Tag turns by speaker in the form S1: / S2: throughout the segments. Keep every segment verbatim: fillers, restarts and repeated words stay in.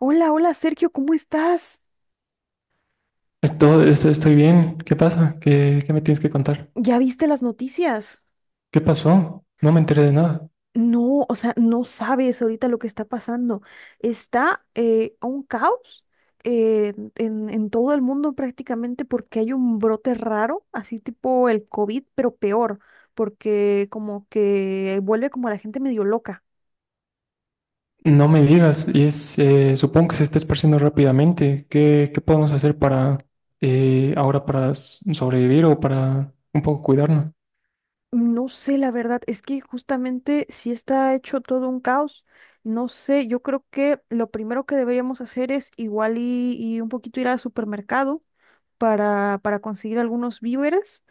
S1: Hola, hola Sergio, ¿cómo estás?
S2: Esto estoy estoy bien. ¿Qué pasa? ¿Qué, qué me tienes que contar?
S1: ¿Ya viste las noticias?
S2: ¿Qué pasó? No me enteré de nada.
S1: No, o sea, no sabes ahorita lo que está pasando. Está eh, un caos eh, en, en todo el mundo prácticamente porque hay un brote raro, así tipo el COVID, pero peor, porque como que vuelve como a la gente medio loca.
S2: No me digas. Y es, eh, supongo que se está esparciendo rápidamente. ¿Qué, qué podemos hacer para eh, ahora para s- sobrevivir o para un poco cuidarnos?
S1: No sé, la verdad, es que justamente sí está hecho todo un caos. No sé, yo creo que lo primero que deberíamos hacer es igual y, y un poquito ir al supermercado para, para conseguir algunos víveres,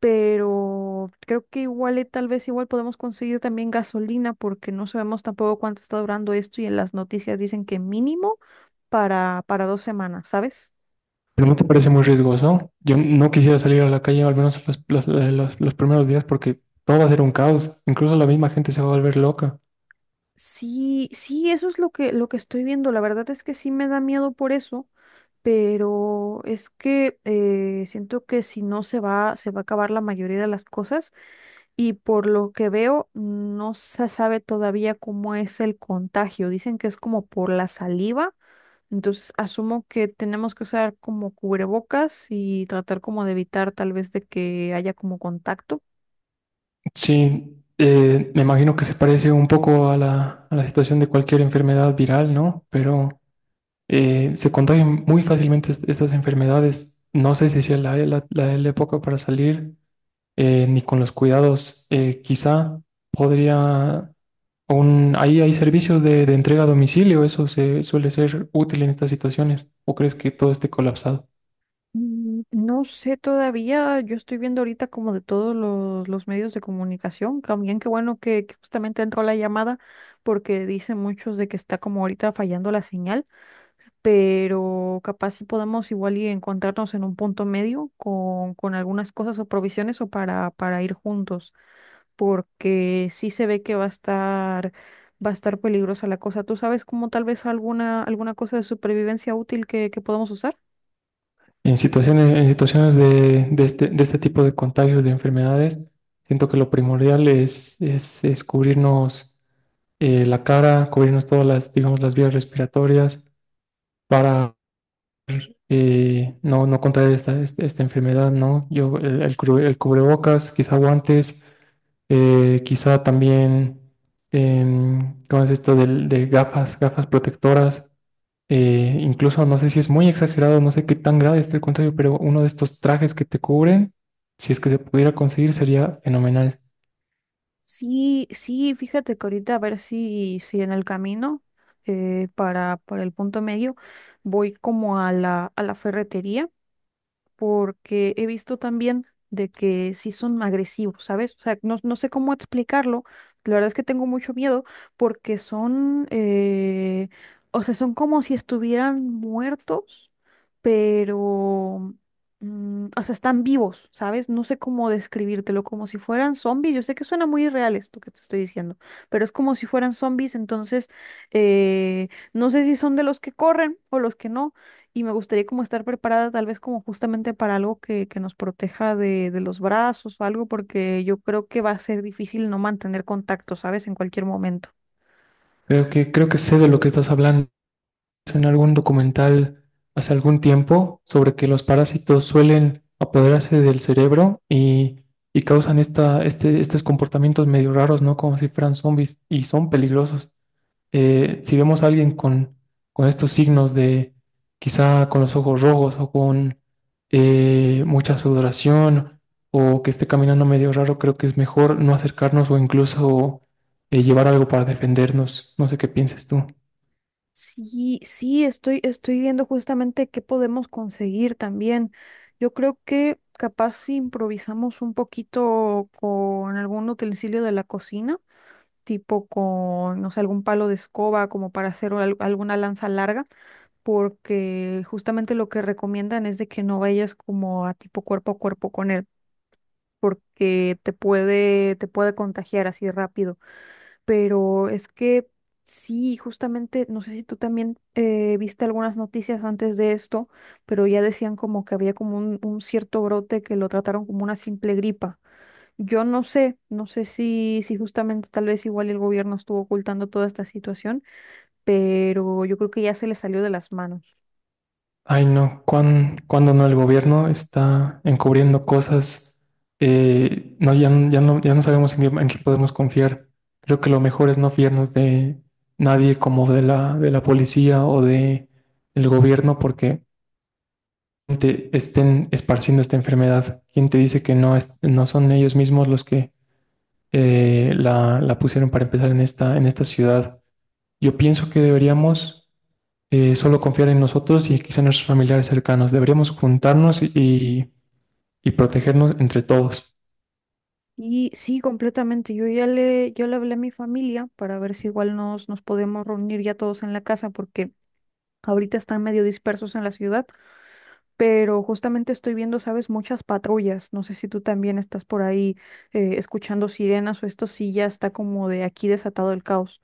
S1: pero creo que igual y tal vez igual podemos conseguir también gasolina porque no sabemos tampoco cuánto está durando esto y en las noticias dicen que mínimo para, para dos semanas, ¿sabes?
S2: Pero no te parece muy riesgoso. Yo no quisiera salir a la calle, al menos los, los- eh, los- los primeros días, porque todo va a ser un caos. Incluso la misma gente se va a volver loca.
S1: Sí, sí, eso es lo que, lo que estoy viendo. La verdad es que sí me da miedo por eso, pero es que eh, siento que si no se va, se va a acabar la mayoría de las cosas y por lo que veo no se sabe todavía cómo es el contagio. Dicen que es como por la saliva, entonces asumo que tenemos que usar como cubrebocas y tratar como de evitar tal vez de que haya como contacto.
S2: Sí, eh, me imagino que se parece un poco a la, a la situación de cualquier enfermedad viral, ¿no? Pero eh, se contagian muy fácilmente est- estas enfermedades. No sé si sea la, la- la- la época para salir, eh, ni con los cuidados. Eh, quizá podría... un- ahí hay servicios de, de entrega a domicilio, eso se suele ser útil en estas situaciones. ¿O crees que todo esté colapsado?
S1: Mm, No sé todavía, yo estoy viendo ahorita como de todos los, los medios de comunicación, también qué bueno que, que justamente entró la llamada porque dicen muchos de que está como ahorita fallando la señal, pero capaz si podemos igual y encontrarnos en un punto medio con, con algunas cosas o provisiones o para, para ir juntos, porque sí se ve que va a estar, va a estar peligrosa la cosa. ¿Tú sabes como tal vez alguna, alguna cosa de supervivencia útil que, que podamos usar?
S2: En situaciones, en situaciones de, de este, de este tipo de contagios de enfermedades, siento que lo primordial es, es, es cubrirnos eh, la cara, cubrirnos todas las, digamos, las vías respiratorias para eh, no, no contraer esta, este- esta enfermedad, ¿no? Yo, el, el cru- el cubrebocas, quizá guantes, eh, quizá también, em, ¿cómo es esto del- de gafas, gafas protectoras? Eh, incluso no sé si es muy exagerado, no sé qué tan grave esté el contrario, pero uno de estos trajes que te cubren, si es que se pudiera conseguir, sería fenomenal.
S1: Sí, sí, fíjate que ahorita a ver si, si en el camino eh, para, para el punto medio voy como a la, a la ferretería porque he visto también de que sí son agresivos, ¿sabes? O sea, no, no sé cómo explicarlo. La verdad es que tengo mucho miedo porque son, eh, o sea, son como si estuvieran muertos, pero, mm, o sea, están vivos, ¿sabes? No sé cómo describírtelo, como si fueran zombies. Yo sé que suena muy irreal esto que te estoy diciendo, pero es como si fueran zombies, entonces, eh, no sé si son de los que corren o los que no, y me gustaría como estar preparada tal vez como justamente para algo que, que nos proteja de, de los brazos o algo, porque yo creo que va a ser difícil no mantener contacto, ¿sabes? En cualquier momento.
S2: Creo que, creo que sé de lo que estás hablando. En algún documental hace algún tiempo sobre que los parásitos suelen apoderarse del cerebro y, y causan esta, este, estos comportamientos medio raros, ¿no? Como si fueran zombies y son peligrosos. Eh, si vemos a alguien con, con estos signos de quizá con los ojos rojos o con eh, mucha sudoración o que esté caminando medio raro, creo que es mejor no acercarnos o incluso eh, llevar algo para defendernos. No sé qué pienses tú.
S1: Sí, sí, estoy, estoy viendo justamente qué podemos conseguir también. Yo creo que capaz si improvisamos un poquito con algún utensilio de la cocina, tipo con, no sé, algún palo de escoba como para hacer al- alguna lanza larga, porque justamente lo que recomiendan es de que no vayas como a tipo cuerpo a cuerpo con él, porque te puede, te puede contagiar así rápido. Pero es que sí, justamente, no sé si tú también eh, viste algunas noticias antes de esto, pero ya decían como que había como un, un cierto brote que lo trataron como una simple gripa. Yo no sé, no sé si, si justamente tal vez igual el gobierno estuvo ocultando toda esta situación, pero yo creo que ya se le salió de las manos.
S2: Ay, no, cuán- cuando no el gobierno está encubriendo cosas, eh, no, ya, n- ya no, ya no sabemos en qué, en qué podemos confiar. Creo que lo mejor es no fiarnos de nadie como de la, de la policía o de el gobierno porque te estén esparciendo esta enfermedad. ¿Quién te dice que no, es- no son ellos mismos los que eh, la, la pusieron para empezar en esta, en esta ciudad? Yo pienso que deberíamos eh, solo confiar en nosotros y quizá en nuestros familiares cercanos. Deberíamos juntarnos y, y protegernos entre todos.
S1: Y sí, completamente. Yo ya le, yo le hablé a mi familia para ver si igual nos, nos podemos reunir ya todos en la casa, porque ahorita están medio dispersos en la ciudad, pero justamente estoy viendo, sabes, muchas patrullas. No sé si tú también estás por ahí eh, escuchando sirenas o esto sí ya está como de aquí desatado el caos.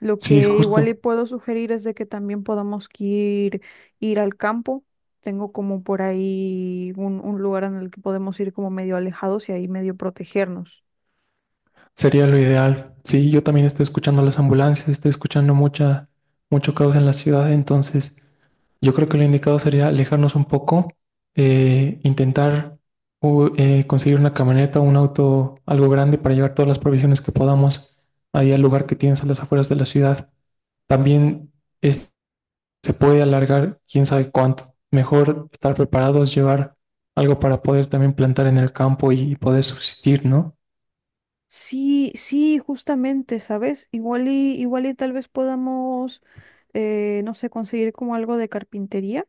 S1: Lo
S2: Sí,
S1: que igual
S2: justo,
S1: le puedo sugerir es de que también podamos que ir, ir al campo. Tengo como por ahí un, un lugar en el que podemos ir como medio alejados y ahí medio protegernos.
S2: sería lo ideal. Sí, yo también estoy escuchando las ambulancias, estoy escuchando mucha, mucho caos en la ciudad, entonces yo creo que lo indicado sería alejarnos un poco, eh, intentar u- eh, conseguir una camioneta, un auto, algo grande para llevar todas las provisiones que podamos ahí al lugar que tienes a las afueras de la ciudad. También... es se puede alargar quién sabe cuánto. Mejor estar preparados, llevar algo para poder también plantar en el campo y poder subsistir, ¿no?
S1: Sí, sí, justamente, ¿sabes? Igual y, igual y tal vez podamos, eh, no sé, conseguir como algo de carpintería,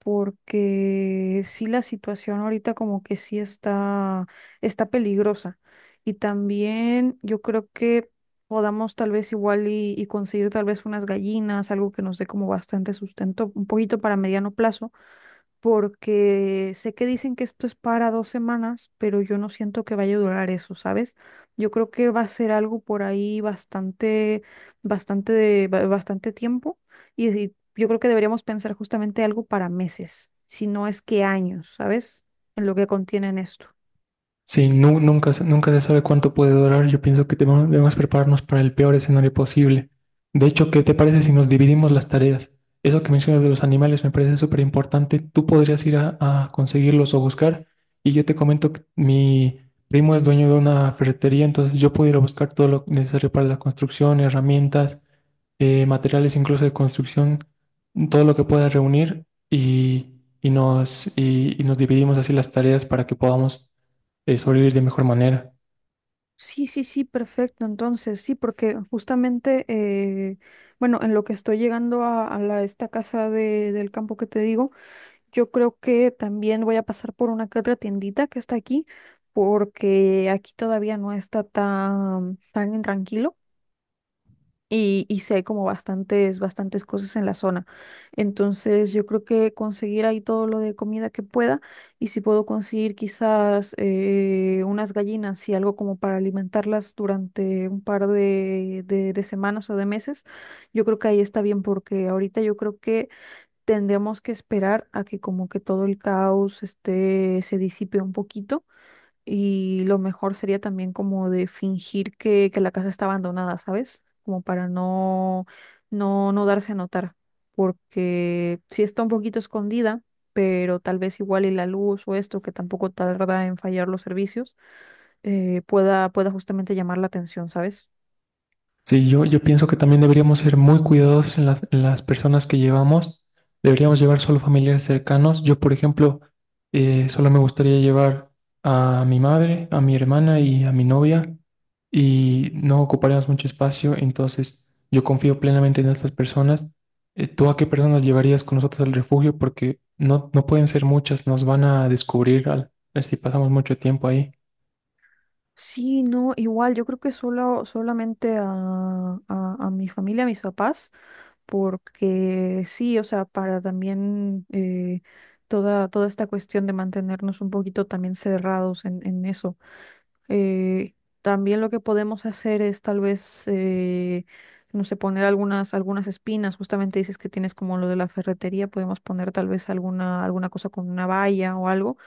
S1: porque sí la situación ahorita como que sí está, está peligrosa. Y también yo creo que podamos tal vez igual y, y conseguir tal vez unas gallinas, algo que nos dé como bastante sustento, un poquito para mediano plazo, porque sé que dicen que esto es para dos semanas, pero yo no siento que vaya a durar eso, ¿sabes? Yo creo que va a ser algo por ahí bastante, bastante, de- ba- bastante tiempo, y, y yo creo que deberíamos pensar justamente algo para meses, si no es que años, ¿sabes? En lo que contienen esto.
S2: Sí, nu- nunca, se- nunca se sabe cuánto puede durar. Yo pienso que debemos, debemos prepararnos para el peor escenario posible. De hecho, ¿qué te parece si nos dividimos las tareas? Eso que mencionas de los animales me parece súper importante. Tú podrías ir a, a conseguirlos o buscar. Y yo te comento que mi primo es dueño de una ferretería, entonces yo puedo ir a buscar todo lo necesario para la construcción, herramientas, eh, materiales incluso de construcción, todo lo que pueda reunir y, y nos, y y nos dividimos así las tareas para que podamos eh, sobrevivir de mejor manera.
S1: Sí, sí, sí, perfecto. Entonces, sí, porque justamente, eh, bueno, en lo que estoy llegando a, a la, esta casa de- del campo que te digo, yo creo que también voy a pasar por una que otra tiendita que está aquí, porque aquí todavía no está tan, tan tranquilo, y, y sí hay como bastantes, bastantes cosas en la zona. Entonces yo creo que conseguir ahí todo lo de comida que pueda, y si puedo conseguir quizás eh, unas gallinas y algo como para alimentarlas durante un par de, de de semanas o de meses, yo creo que ahí está bien porque ahorita yo creo que tendremos que esperar a que como que todo el caos este, se disipe un poquito, y lo mejor sería también como de fingir que, que la casa está abandonada, ¿sabes? Como para no, no, no darse a notar, porque sí está un poquito escondida, pero tal vez igual y la luz o esto, que tampoco tarda en fallar los servicios, eh, pueda, pueda justamente llamar la atención, ¿sabes?
S2: Sí, yo, yo pienso que también deberíamos ser muy cuidadosos en las, en las personas que llevamos. Deberíamos llevar solo familiares cercanos. Yo, por ejemplo, eh, solo me gustaría llevar a mi madre, a mi hermana y a mi novia y no ocuparíamos mucho espacio. Entonces, yo confío plenamente en estas personas. Eh, ¿tú a qué personas llevarías con nosotros al refugio? Porque no, no pueden ser muchas, nos van a descubrir al, si pasamos mucho tiempo ahí.
S1: Sí, no, igual, yo creo que solo, solamente a, a, a mi familia, a mis papás, porque sí, o sea, para también eh, toda, toda esta cuestión de mantenernos un poquito también cerrados en, en eso. Eh, también lo que podemos hacer es tal vez, eh, no sé, poner algunas, algunas espinas, justamente dices que tienes como lo de la ferretería, podemos poner tal vez alguna, alguna cosa con una valla o algo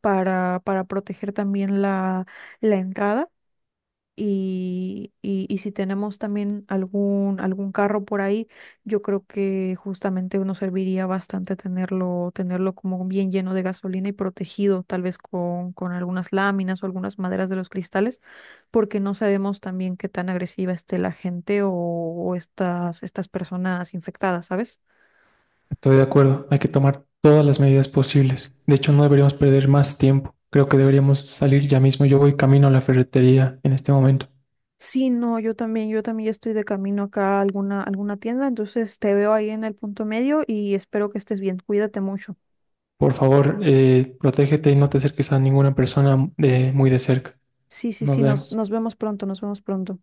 S1: para, para proteger también la, la entrada. Y, y, y si tenemos también algún, algún carro por ahí, yo creo que justamente nos serviría bastante tenerlo, tenerlo como bien lleno de gasolina y protegido, tal vez con, con algunas láminas o algunas maderas de los cristales, porque no sabemos también qué tan agresiva esté la gente o, o estas, estas personas infectadas, ¿sabes?
S2: Estoy de acuerdo, hay que tomar todas las medidas posibles. De hecho, no deberíamos perder más tiempo. Creo que deberíamos salir ya mismo. Yo voy camino a la ferretería en este momento.
S1: Sí, no, yo también, yo también ya estoy de camino acá a alguna, alguna tienda, entonces te veo ahí en el punto medio y espero que estés bien. Cuídate mucho.
S2: Por favor, eh, protégete y no te acerques a ninguna persona de muy de cerca.
S1: Sí, sí,
S2: Nos
S1: sí, nos,
S2: vemos.
S1: nos vemos pronto, nos vemos pronto.